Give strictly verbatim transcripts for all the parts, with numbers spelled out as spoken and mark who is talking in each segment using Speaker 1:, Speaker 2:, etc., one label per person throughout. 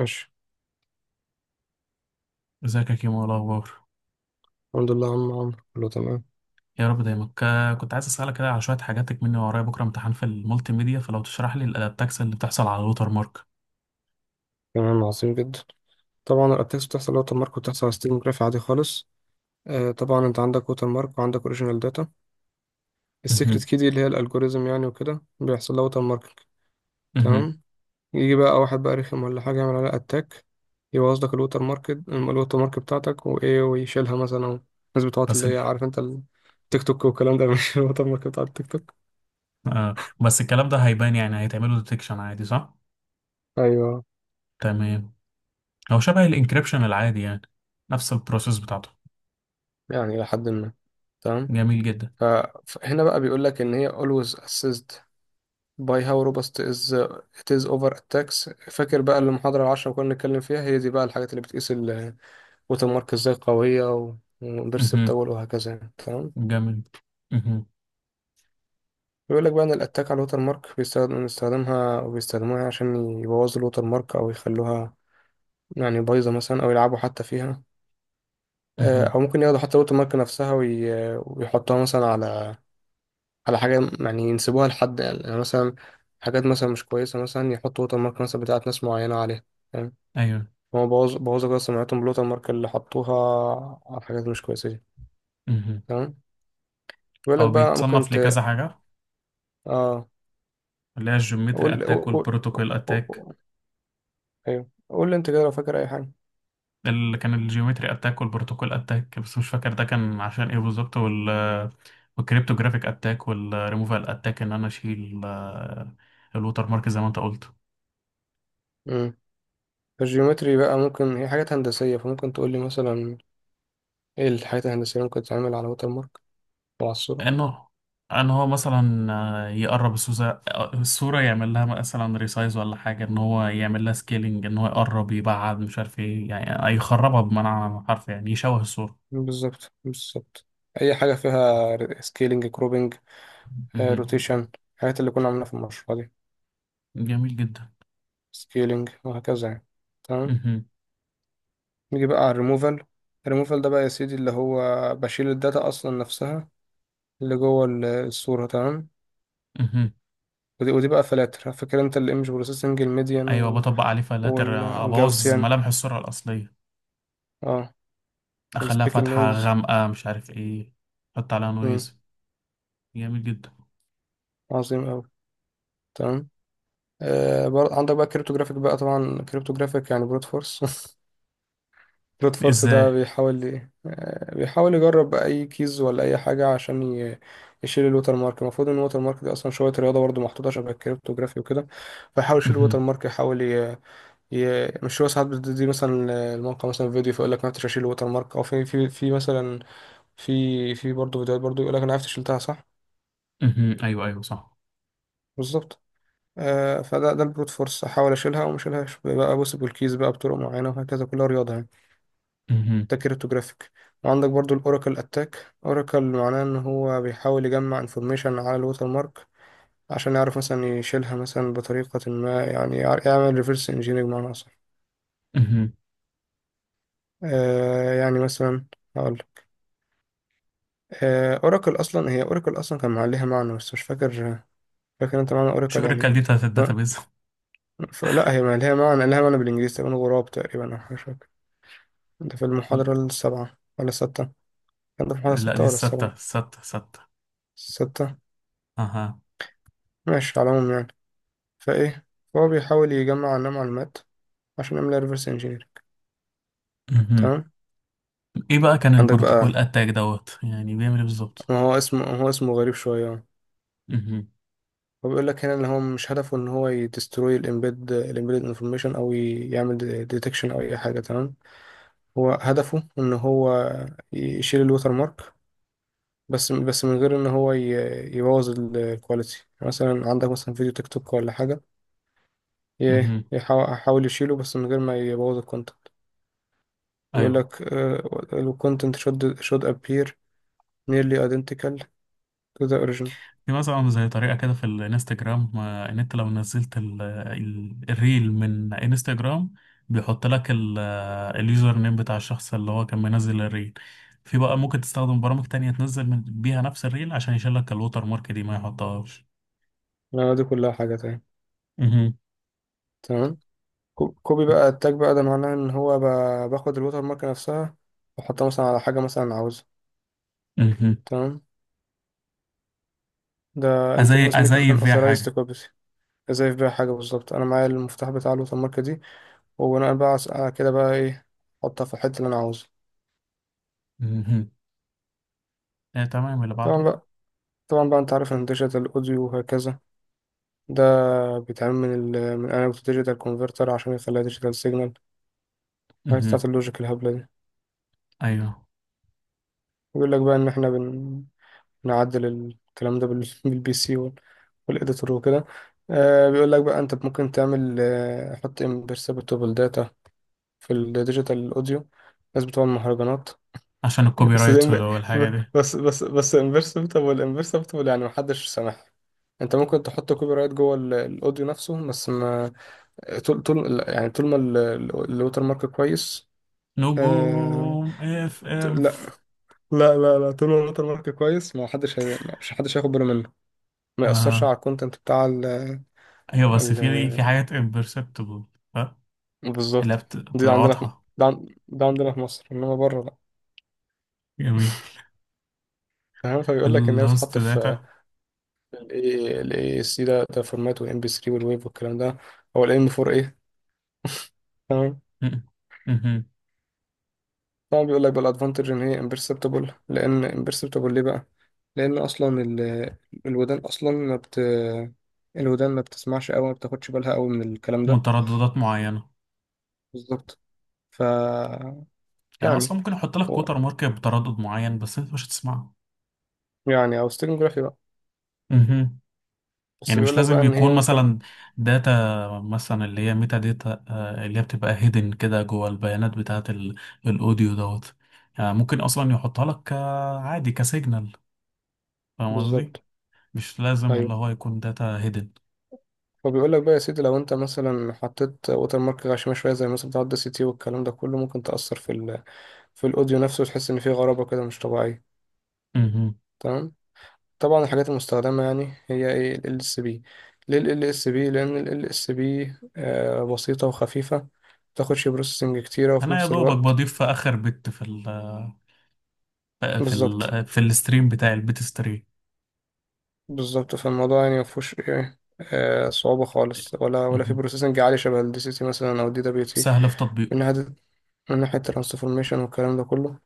Speaker 1: ماشي.
Speaker 2: ازيك يا كيمو، إيه الاخبار؟
Speaker 1: الحمد لله يا عم عمرو، كله تمام.
Speaker 2: يا رب دايما. ك- كنت عايز اسالك كده على شويه حاجاتك، مني ورايا بكره امتحان في المالتي ميديا، فلو تشرح لي الادابتكس اللي بتحصل على الوتر مارك.
Speaker 1: تمام، عظيم جدا. طبعا الاتاكس بتحصل ووتر مارك وبتحصل على ستريم جراف عادي خالص. آه طبعا انت عندك ووتر مارك وعندك اوريجينال داتا،
Speaker 2: مهم.
Speaker 1: السيكريت كي دي اللي هي الالجوريزم يعني، وكده بيحصل لها ووتر ماركينج.
Speaker 2: مهم.
Speaker 1: تمام. يجي بقى واحد بقى رخم ولا حاجه يعمل عليها اتاك، يبوظ لك الووتر مارك الووتر مارك بتاعتك وايه ويشيلها مثلا أو الناس بتوعت
Speaker 2: بس.
Speaker 1: اللي هي عارف انت التيك توك والكلام ده مش الووتر مارك بتاع التيك توك.
Speaker 2: آه. بس الكلام ده هيبان، يعني هيتعمله ديتكشن عادي، صح؟
Speaker 1: ايوه،
Speaker 2: تمام. هو شبه الانكريبشن العادي يعني. نفس البروسيس بتاعته.
Speaker 1: يعني إلى حد ما. تمام.
Speaker 2: جميل جدا.
Speaker 1: ف- فهنا بقى بيقول لك ان هي always assist by how robust is it is over attacks. فاكر بقى المحاضرة العشرة اللي كنا بنتكلم فيها؟ هي دي بقى الحاجات اللي بتقيس الوتر مارك ازاي قوية و-
Speaker 2: مهم.
Speaker 1: وبيرسبتبل وهكذا يعني. تمام.
Speaker 2: جميل. مهم.
Speaker 1: بيقول لك بقى ان الاتاك على الوتر مارك بيستخدم بنستخدمها وبيستخدموها عشان يبوظوا الوتر مارك او يخلوها يعني بايظة مثلا، او يلعبوا حتى فيها. آه،
Speaker 2: مهم.
Speaker 1: او ممكن ياخدوا حتى الوتر مارك نفسها وي- ويحطوها مثلا على على حاجة، يعني ينسبوها لحد، يعني يعني مثلا حاجات مثلا مش كويسة، مثلا يحطوا ووتر مارك مثلا بتاعت ناس معينة عليها.
Speaker 2: ايوه.
Speaker 1: هو بوظ بوظ كده سمعتهم بالوتر مارك اللي حطوها على حاجات مش كويسة دي.
Speaker 2: مهم.
Speaker 1: تمام. بيقول لك
Speaker 2: هو
Speaker 1: بقى ممكن
Speaker 2: بيتصنف
Speaker 1: ت،
Speaker 2: لكذا حاجه،
Speaker 1: اه،
Speaker 2: اللي هي الجيومتري
Speaker 1: قول
Speaker 2: اتاك
Speaker 1: قول قول
Speaker 2: والبروتوكول اتاك.
Speaker 1: قول- ايوه قول لي انت كده لو فاكر اي حاجة.
Speaker 2: اللي كان الجيومتري اتاك والبروتوكول اتاك، بس مش فاكر ده كان عشان ايه بالظبط. وال والكريبتوجرافيك اتاك والريموفال اتاك، ان انا اشيل آه، الوتر مارك زي ما انت قلت.
Speaker 1: امم الجيومتري بقى ممكن هي حاجات هندسية، فممكن تقول لي مثلا ايه الحاجات الهندسية اللي ممكن تتعمل على ووتر مارك او على الصورة؟
Speaker 2: انه ان هو مثلا آه، يقرب الصوره. الصوره يعمل لها مثلا ريسايز ولا حاجه، ان هو يعمل لها سكيلينج، ان هو يقرب يبعد مش عارف ايه، يعني آه، يخربها بمعنى حرف، يعني يشوه الصوره.
Speaker 1: بالظبط، بالظبط. اي حاجة فيها سكيلينج، كروبنج،
Speaker 2: مهم.
Speaker 1: روتيشن، الحاجات اللي كنا عاملينها في المشروع دي،
Speaker 2: جميل جدا.
Speaker 1: سكيلينج وهكذا يعني. تمام.
Speaker 2: مهم.
Speaker 1: نيجي بقى على الريموفال. الريموفال ده بقى يا سيدي اللي هو بشيل الداتا اصلا نفسها اللي جوه ال- الصورة. تمام.
Speaker 2: مهم.
Speaker 1: ودي, ودي بقى فلاتر، فاكر انت الايمج بروسيسنج، الميديان
Speaker 2: ايوه،
Speaker 1: وال...
Speaker 2: بطبق عليه فلاتر
Speaker 1: وال...
Speaker 2: ابوظ
Speaker 1: والجاوسيان
Speaker 2: ملامح الصوره الاصليه.
Speaker 1: اه،
Speaker 2: اخليها
Speaker 1: والسبيكل
Speaker 2: فاتحة
Speaker 1: نويز.
Speaker 2: غامقة، مش عارف ايه. حط عليها
Speaker 1: مم.
Speaker 2: نويز. جميل جدا.
Speaker 1: عظيم اوي. تمام. آه برضه عندك بقى كريبتوجرافيك، بقى طبعا كريبتوجرافيك يعني بروت فورس رود فورس. ده
Speaker 2: ازاي؟
Speaker 1: بيحاول ي- آه، بيحاول يجرب اي كيز ولا اي حاجه عشان ي- يشيل الوتر مارك. المفروض ان الوتر مارك دي اصلا شويه رياضه برضو، محطوطه شبه الكريبتوجرافي وكده، فيحاول يشيل الوتر
Speaker 2: مهم.
Speaker 1: مارك، يحاول ي... ي... مش هو ساعات بتدي مثلا الموقع مثلا فيديو فيقول لك ما عرفتش اشيل الوتر مارك، او في في في مثلا في في برضو فيديوهات برضو يقول لك انا عرفت شلتها صح.
Speaker 2: مهم. ايوه، ايوه، صح.
Speaker 1: بالظبط. آه فده ده البروت فورس، احاول اشيلها وما اشيلهاش بقى بوسب الكيز بقى بطرق معينه وهكذا، كلها رياضه يعني.
Speaker 2: مهم.
Speaker 1: ده كريبتوجرافيك. وعندك برضو الاوراكل اتاك. اوراكل معناه ان هو بيحاول يجمع انفورميشن على الوتر مارك عشان يعرف مثلا يشيلها مثلا بطريقة ما، يعني يع- يعمل ريفرس انجينيرنج بمعنى اصح.
Speaker 2: مهم.
Speaker 1: آه يعني مثلا، هقول، آه اوراكل اصلا هي، اوراكل اصلا كان عليها معنى بس مش فاكر. فاكر انت معنى
Speaker 2: شو
Speaker 1: اوراكل يعني
Speaker 2: الركال
Speaker 1: ايه؟
Speaker 2: دي بتاعت
Speaker 1: ف-
Speaker 2: الداتابيز؟
Speaker 1: ف- لا هي ما لها معنى، لها معنى بالانجليزي تقريبا، غراب تقريبا او حاجة شبه كده. ده في المحاضرة السابعة ولا الستة؟ كان ده في المحاضرة
Speaker 2: لا، دي
Speaker 1: الستة ولا
Speaker 2: الستة
Speaker 1: السابعة؟
Speaker 2: الستة الستة.
Speaker 1: الستة.
Speaker 2: اها.
Speaker 1: ماشي، على العموم يعني. فايه، فهو بيحاول يجمع عنها معلومات عشان يعمل ريفرس انجينير.
Speaker 2: مهم.
Speaker 1: تمام.
Speaker 2: ايه بقى كان
Speaker 1: عندك بقى،
Speaker 2: البروتوكول اتاك دوت، يعني بيعمل ايه بالظبط؟
Speaker 1: ما هو اسمه، هو اسمه غريب شويه أهو.
Speaker 2: مهم.
Speaker 1: هو بيقول لك هنا ان هو مش هدفه ان هو يدستروي الامبيد الامبيد انفورميشن او ي- يعمل ديتكشن او اي حاجه. تمام. هو هدفه ان هو يشيل الوتر مارك بس بس من غير ان هو ي- يبوظ الكواليتي. مثلا عندك مثلا فيديو تيك توك ولا حاجه، ي-
Speaker 2: مهم.
Speaker 1: يحاول يحاول يشيله بس من غير ما يبوظ الكونتنت. بيقول
Speaker 2: ايوه.
Speaker 1: لك الكونتنت should should appear nearly identical to the origin.
Speaker 2: في مثلا زي طريقة كده في الانستجرام، آه، ان انت لو نزلت ال- ال- الريل من انستجرام، بيحط لك ال اليوزر نيم بتاع الشخص اللي هو كان منزل الريل. في بقى ممكن تستخدم برامج تانية تنزل من بيها نفس الريل، عشان يشيل لك الوتر مارك دي، ما يحطهاش.
Speaker 1: لا دي كلها حاجة تاني.
Speaker 2: مهم.
Speaker 1: تمام. كو- كوبي بقى التاج، بقى ده معناه ان هو بقى باخد الوتر مارك نفسها واحطها مثلا على حاجة مثلا عاوزها.
Speaker 2: مهم.
Speaker 1: تمام. ده
Speaker 2: أزي
Speaker 1: involves making an
Speaker 2: أزيف فيها
Speaker 1: authorized
Speaker 2: حاجة؟
Speaker 1: copy. ازاي في بيها حاجة؟ بالظبط، انا معايا المفتاح بتاع الوتر مارك دي، وبناء بقى على على كده بقى ايه، احطها في الحتة اللي انا عاوزها.
Speaker 2: مهم. آه، تمام، اللي
Speaker 1: طبعا
Speaker 2: بعده.
Speaker 1: بقى طبعا بقى انت عارف ان ديجيتال اوديو وهكذا، ده بيتعمل من ال من انالوج ديجيتال كونفرتر عشان يخليها ديجيتال سيجنال، الحاجات
Speaker 2: مهم.
Speaker 1: بتاعت اللوجيك الهبلة دي.
Speaker 2: أيوه،
Speaker 1: بيقول لك بقى ان احنا بن، نعدل الكلام ده بال- بالبي سي وال- والإديتور وكده. آه بيقول لك بقى أنت ممكن تعمل، آه حط imperceptible data في الديجيتال أوديو. الناس بتوع المهرجانات
Speaker 2: عشان الكوبي
Speaker 1: بس زي
Speaker 2: رايت
Speaker 1: ما-
Speaker 2: والحاجة دي.
Speaker 1: بس بس بس imperceptible, imperceptible يعني محدش سامعها. انت ممكن تحط كوبي رايت جوه ال- الاوديو نفسه بس ما، آه، طول طول يعني طول ما ال- ال- الوتر مارك كويس. آه...
Speaker 2: نجوم اف
Speaker 1: لا،
Speaker 2: اف.
Speaker 1: لا لا لا طول ما الوتر مارك كويس ما حدش هي... مش حدش هياخد باله منه، ما يأثرش
Speaker 2: آه،
Speaker 1: على الكونتنت بتاع ال.
Speaker 2: أيوه، بس
Speaker 1: ال،
Speaker 2: في في حاجات imperceptible. ها. اللي هي
Speaker 1: بالظبط.
Speaker 2: بت-
Speaker 1: دي
Speaker 2: بتبقى
Speaker 1: عندنا في،
Speaker 2: واضحة.
Speaker 1: ده, عن... ده عندنا في مصر انما بره لا.
Speaker 2: جميل.
Speaker 1: فاهم؟ فبيقول لك ان هي
Speaker 2: اللاست
Speaker 1: بتتحط في
Speaker 2: داتا.
Speaker 1: ال اي سي، ده ده فورمات والام بي تلاتة والويف والكلام ده، او الام اربعة ايه تمام. طبعا بيقول لك بقى الادفانتج ان هي امبرسبتبل، لان امبرسبتبل ليه بقى؟ لان اصلا ال... الودان اصلا ما بت، الودان ما بتسمعش قوي، ما بتاخدش بالها قوي من الكلام ده.
Speaker 2: مترددات معينة.
Speaker 1: بالظبط. ف،
Speaker 2: يعني اصلا
Speaker 1: يعني،
Speaker 2: ممكن احط لك
Speaker 1: هو-
Speaker 2: كوتر مارك بتردد معين، بس انت مش هتسمعه.
Speaker 1: يعني او ستيرنوجرافي.
Speaker 2: مهم.
Speaker 1: بس
Speaker 2: يعني مش
Speaker 1: بيقول لك بقى
Speaker 2: لازم
Speaker 1: ان هي
Speaker 2: يكون
Speaker 1: ممكن،
Speaker 2: مثلا داتا، مثلا اللي هي ميتا داتا، آه، اللي هي بتبقى هيدن كده جوه البيانات بتاعة ال- الاوديو دوت. يعني ممكن اصلا يحطها لك ك- عادي كسيجنال. فاهم قصدي؟
Speaker 1: بالظبط.
Speaker 2: مش لازم
Speaker 1: ايوه.
Speaker 2: اللي هو يكون داتا هيدن.
Speaker 1: فبيقول لك بقى يا سيدي لو انت مثلا حطيت ووتر مارك غشيمه شويه زي مثلا بتاع الدي سي تي والكلام ده كله، ممكن تاثر في ال... في الاوديو نفسه وتحس ان فيه غرابه كده مش طبيعيه.
Speaker 2: مهم.
Speaker 1: تمام. طبعا الحاجات المستخدمه يعني هي ايه، ال اس بي. ليه ال اس بي؟ لان ال اس بي بسيطه وخفيفه، ما بتاخدش بروسيسنج كتيره وفي
Speaker 2: انا يا
Speaker 1: نفس
Speaker 2: دوبك
Speaker 1: الوقت،
Speaker 2: بضيف في اخر بت في ال في
Speaker 1: بالظبط.
Speaker 2: ال في الستريم بتاعي البيت ستريم.
Speaker 1: بالظبط، فالموضوع يعني ما فيهوش ايه، آه، صعوبه خالص ولا ولا في
Speaker 2: مهم.
Speaker 1: بروسيسنج عالي شبه الدي سي تي مثلا او الدي دبليو تي،
Speaker 2: سهل في
Speaker 1: من
Speaker 2: تطبيقه.
Speaker 1: ناحية، من ناحية الترانسفورميشن والكلام ده كله.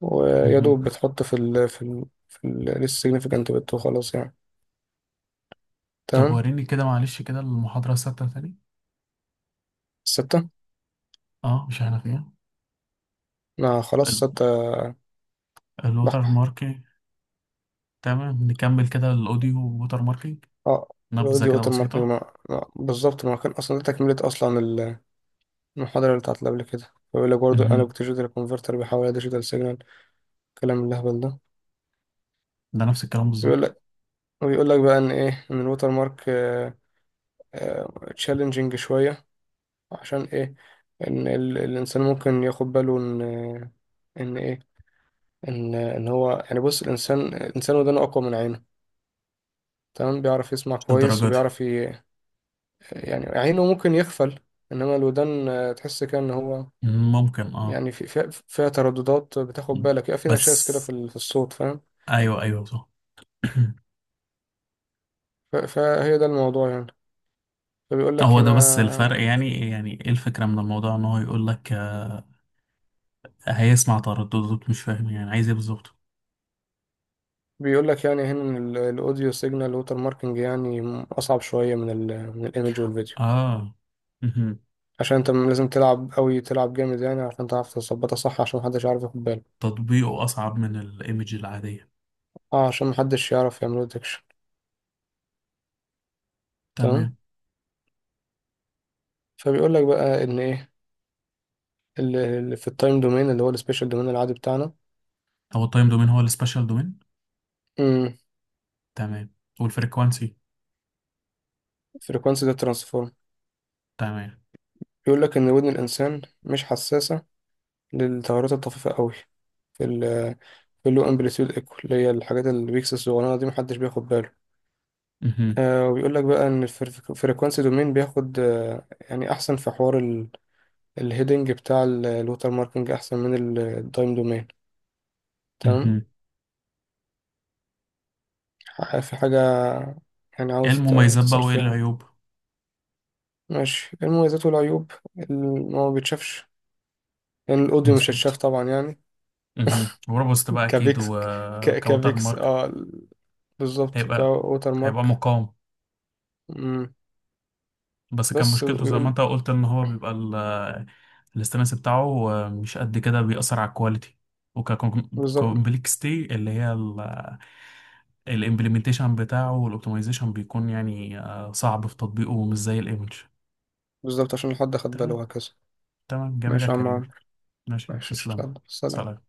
Speaker 1: ويا دوب بتحط في ال في ال في ال significant bit وخلاص يعني.
Speaker 2: طب
Speaker 1: تمام.
Speaker 2: وريني كده، معلش، كده المحاضرة الثابتة تاني.
Speaker 1: ستة.
Speaker 2: اه، مش احنا فيها؟
Speaker 1: ما خلاص ستة،
Speaker 2: الوتر
Speaker 1: بحبح.
Speaker 2: ماركينج. تمام، نكمل كده الاوديو ووتر ماركينج.
Speaker 1: اه. يبقى
Speaker 2: نبذة
Speaker 1: دي
Speaker 2: كده
Speaker 1: اوتر ماركينج
Speaker 2: بسيطة.
Speaker 1: ما. ما. بالظبط ما كان اصلا ده تكملة اصلا ال- المحاضرة اللي بتاعت اللي قبل كده. بيقول لك برضه
Speaker 2: مهم.
Speaker 1: الانالوج ديجيتال كونفرتر بيحول ديجيتال سيجنال، الكلام اللهبل ده.
Speaker 2: ده نفس الكلام
Speaker 1: بيقول
Speaker 2: بالظبط.
Speaker 1: لك، وبيقول لك بقى ان ايه، ان الوتر مارك تشالنجينج شوية. عشان ايه؟ ان ال... الانسان ممكن ياخد باله ان، آه، ان ايه، ان ان هو يعني، بص الانسان، الانسان ودانه اقوى من عينه. تمام، بيعرف يسمع
Speaker 2: مش
Speaker 1: كويس
Speaker 2: للدرجة دي.
Speaker 1: وبيعرف ي... يعني عينه ممكن يغفل انما الودان، آه، تحس كده ان هو
Speaker 2: ممكن، اه.
Speaker 1: يعني، في في- فيها ترددات بتاخد
Speaker 2: مم.
Speaker 1: بالك، يبقى في
Speaker 2: بس.
Speaker 1: نشاز كده في ال- في الصوت. فاهم؟
Speaker 2: ايوه، ايوه، صح.
Speaker 1: ف- فهي ده الموضوع يعني. فبيقول لك
Speaker 2: هو ده بس
Speaker 1: هنا،
Speaker 2: الفرق، يعني يعني ايه الفكرة من الموضوع؟ ان هو يقول لك آه، هيسمع ترددات، مش فاهم يعني عايز ايه بالظبط؟
Speaker 1: بيقول لك يعني هنا ان ال- الاوديو سيجنال ووتر ماركينج يعني اصعب شويه من ال من الايمج والفيديو،
Speaker 2: اه. مهم.
Speaker 1: عشان انت لازم تلعب قوي، تلعب جامد يعني عشان تعرف تظبطها صح، عشان محدش يعرف ياخد باله.
Speaker 2: تطبيقه اصعب من الايمج العادية.
Speaker 1: اه، عشان محدش يعرف يعمل ديتكشن. تمام.
Speaker 2: تمام.
Speaker 1: فبيقول لك بقى ان ايه، اللي اللي في التايم دومين اللي هو السبيشال دومين العادي بتاعنا.
Speaker 2: هو التايم دومين هو السبيشال دومين.
Speaker 1: امم
Speaker 2: تمام، والفريكوانسي،
Speaker 1: فريكوانسي ده ترانسفورم.
Speaker 2: تمام.
Speaker 1: بيقول لك ان ودن الانسان مش حساسه للتغيرات الطفيفه قوي في ال في اللو امبليتيود ايكو، اللي هي الحاجات البيكس الصغيرة دي محدش بياخد باله.
Speaker 2: مهم.
Speaker 1: آه وبيقول لك بقى ان الفريكوانسي دومين بياخد، آه يعني احسن في حوار ال- الهيدنج بتاع ال- الوتر ماركينج احسن من التايم دومين. تمام.
Speaker 2: مهم.
Speaker 1: ح- في حاجه يعني
Speaker 2: ايه
Speaker 1: عاوز ت-
Speaker 2: المميزات بقى
Speaker 1: تسأل
Speaker 2: وايه
Speaker 1: فيها؟
Speaker 2: العيوب؟
Speaker 1: ماشي، إيه المميزات والعيوب؟ إن هو ما بيتشافش، لأن الأوديو مش هيتشاف
Speaker 2: مظبوط.
Speaker 1: طبعا يعني.
Speaker 2: مهم. وروبوست بقى اكيد،
Speaker 1: كبيكس، ك...
Speaker 2: وكوتر
Speaker 1: كبيكس،
Speaker 2: مارك
Speaker 1: اه ال، بالظبط
Speaker 2: هيبقى
Speaker 1: كووتر
Speaker 2: هيبقى
Speaker 1: مارك.
Speaker 2: مقاوم.
Speaker 1: مم.
Speaker 2: بس كان
Speaker 1: بس
Speaker 2: مشكلته زي ما
Speaker 1: بيقول،
Speaker 2: انت قلت، ان هو بيبقى ال- الاستانس بتاعه مش قد كده، بيأثر على الكواليتي.
Speaker 1: بالظبط،
Speaker 2: وككومبلكستي، اللي هي الامبلمنتيشن بتاعه والاوبتمايزيشن، بيكون يعني آه، صعب في تطبيقه ومش زي الايمج.
Speaker 1: بالظبط عشان حد خد باله
Speaker 2: تمام.
Speaker 1: وهكذا.
Speaker 2: تمام، جميل يا
Speaker 1: ماشي يا عم
Speaker 2: كريم.
Speaker 1: عمرو.
Speaker 2: ماشي،
Speaker 1: ماشي
Speaker 2: تسلم،
Speaker 1: اشتغل، سلام.
Speaker 2: سلام.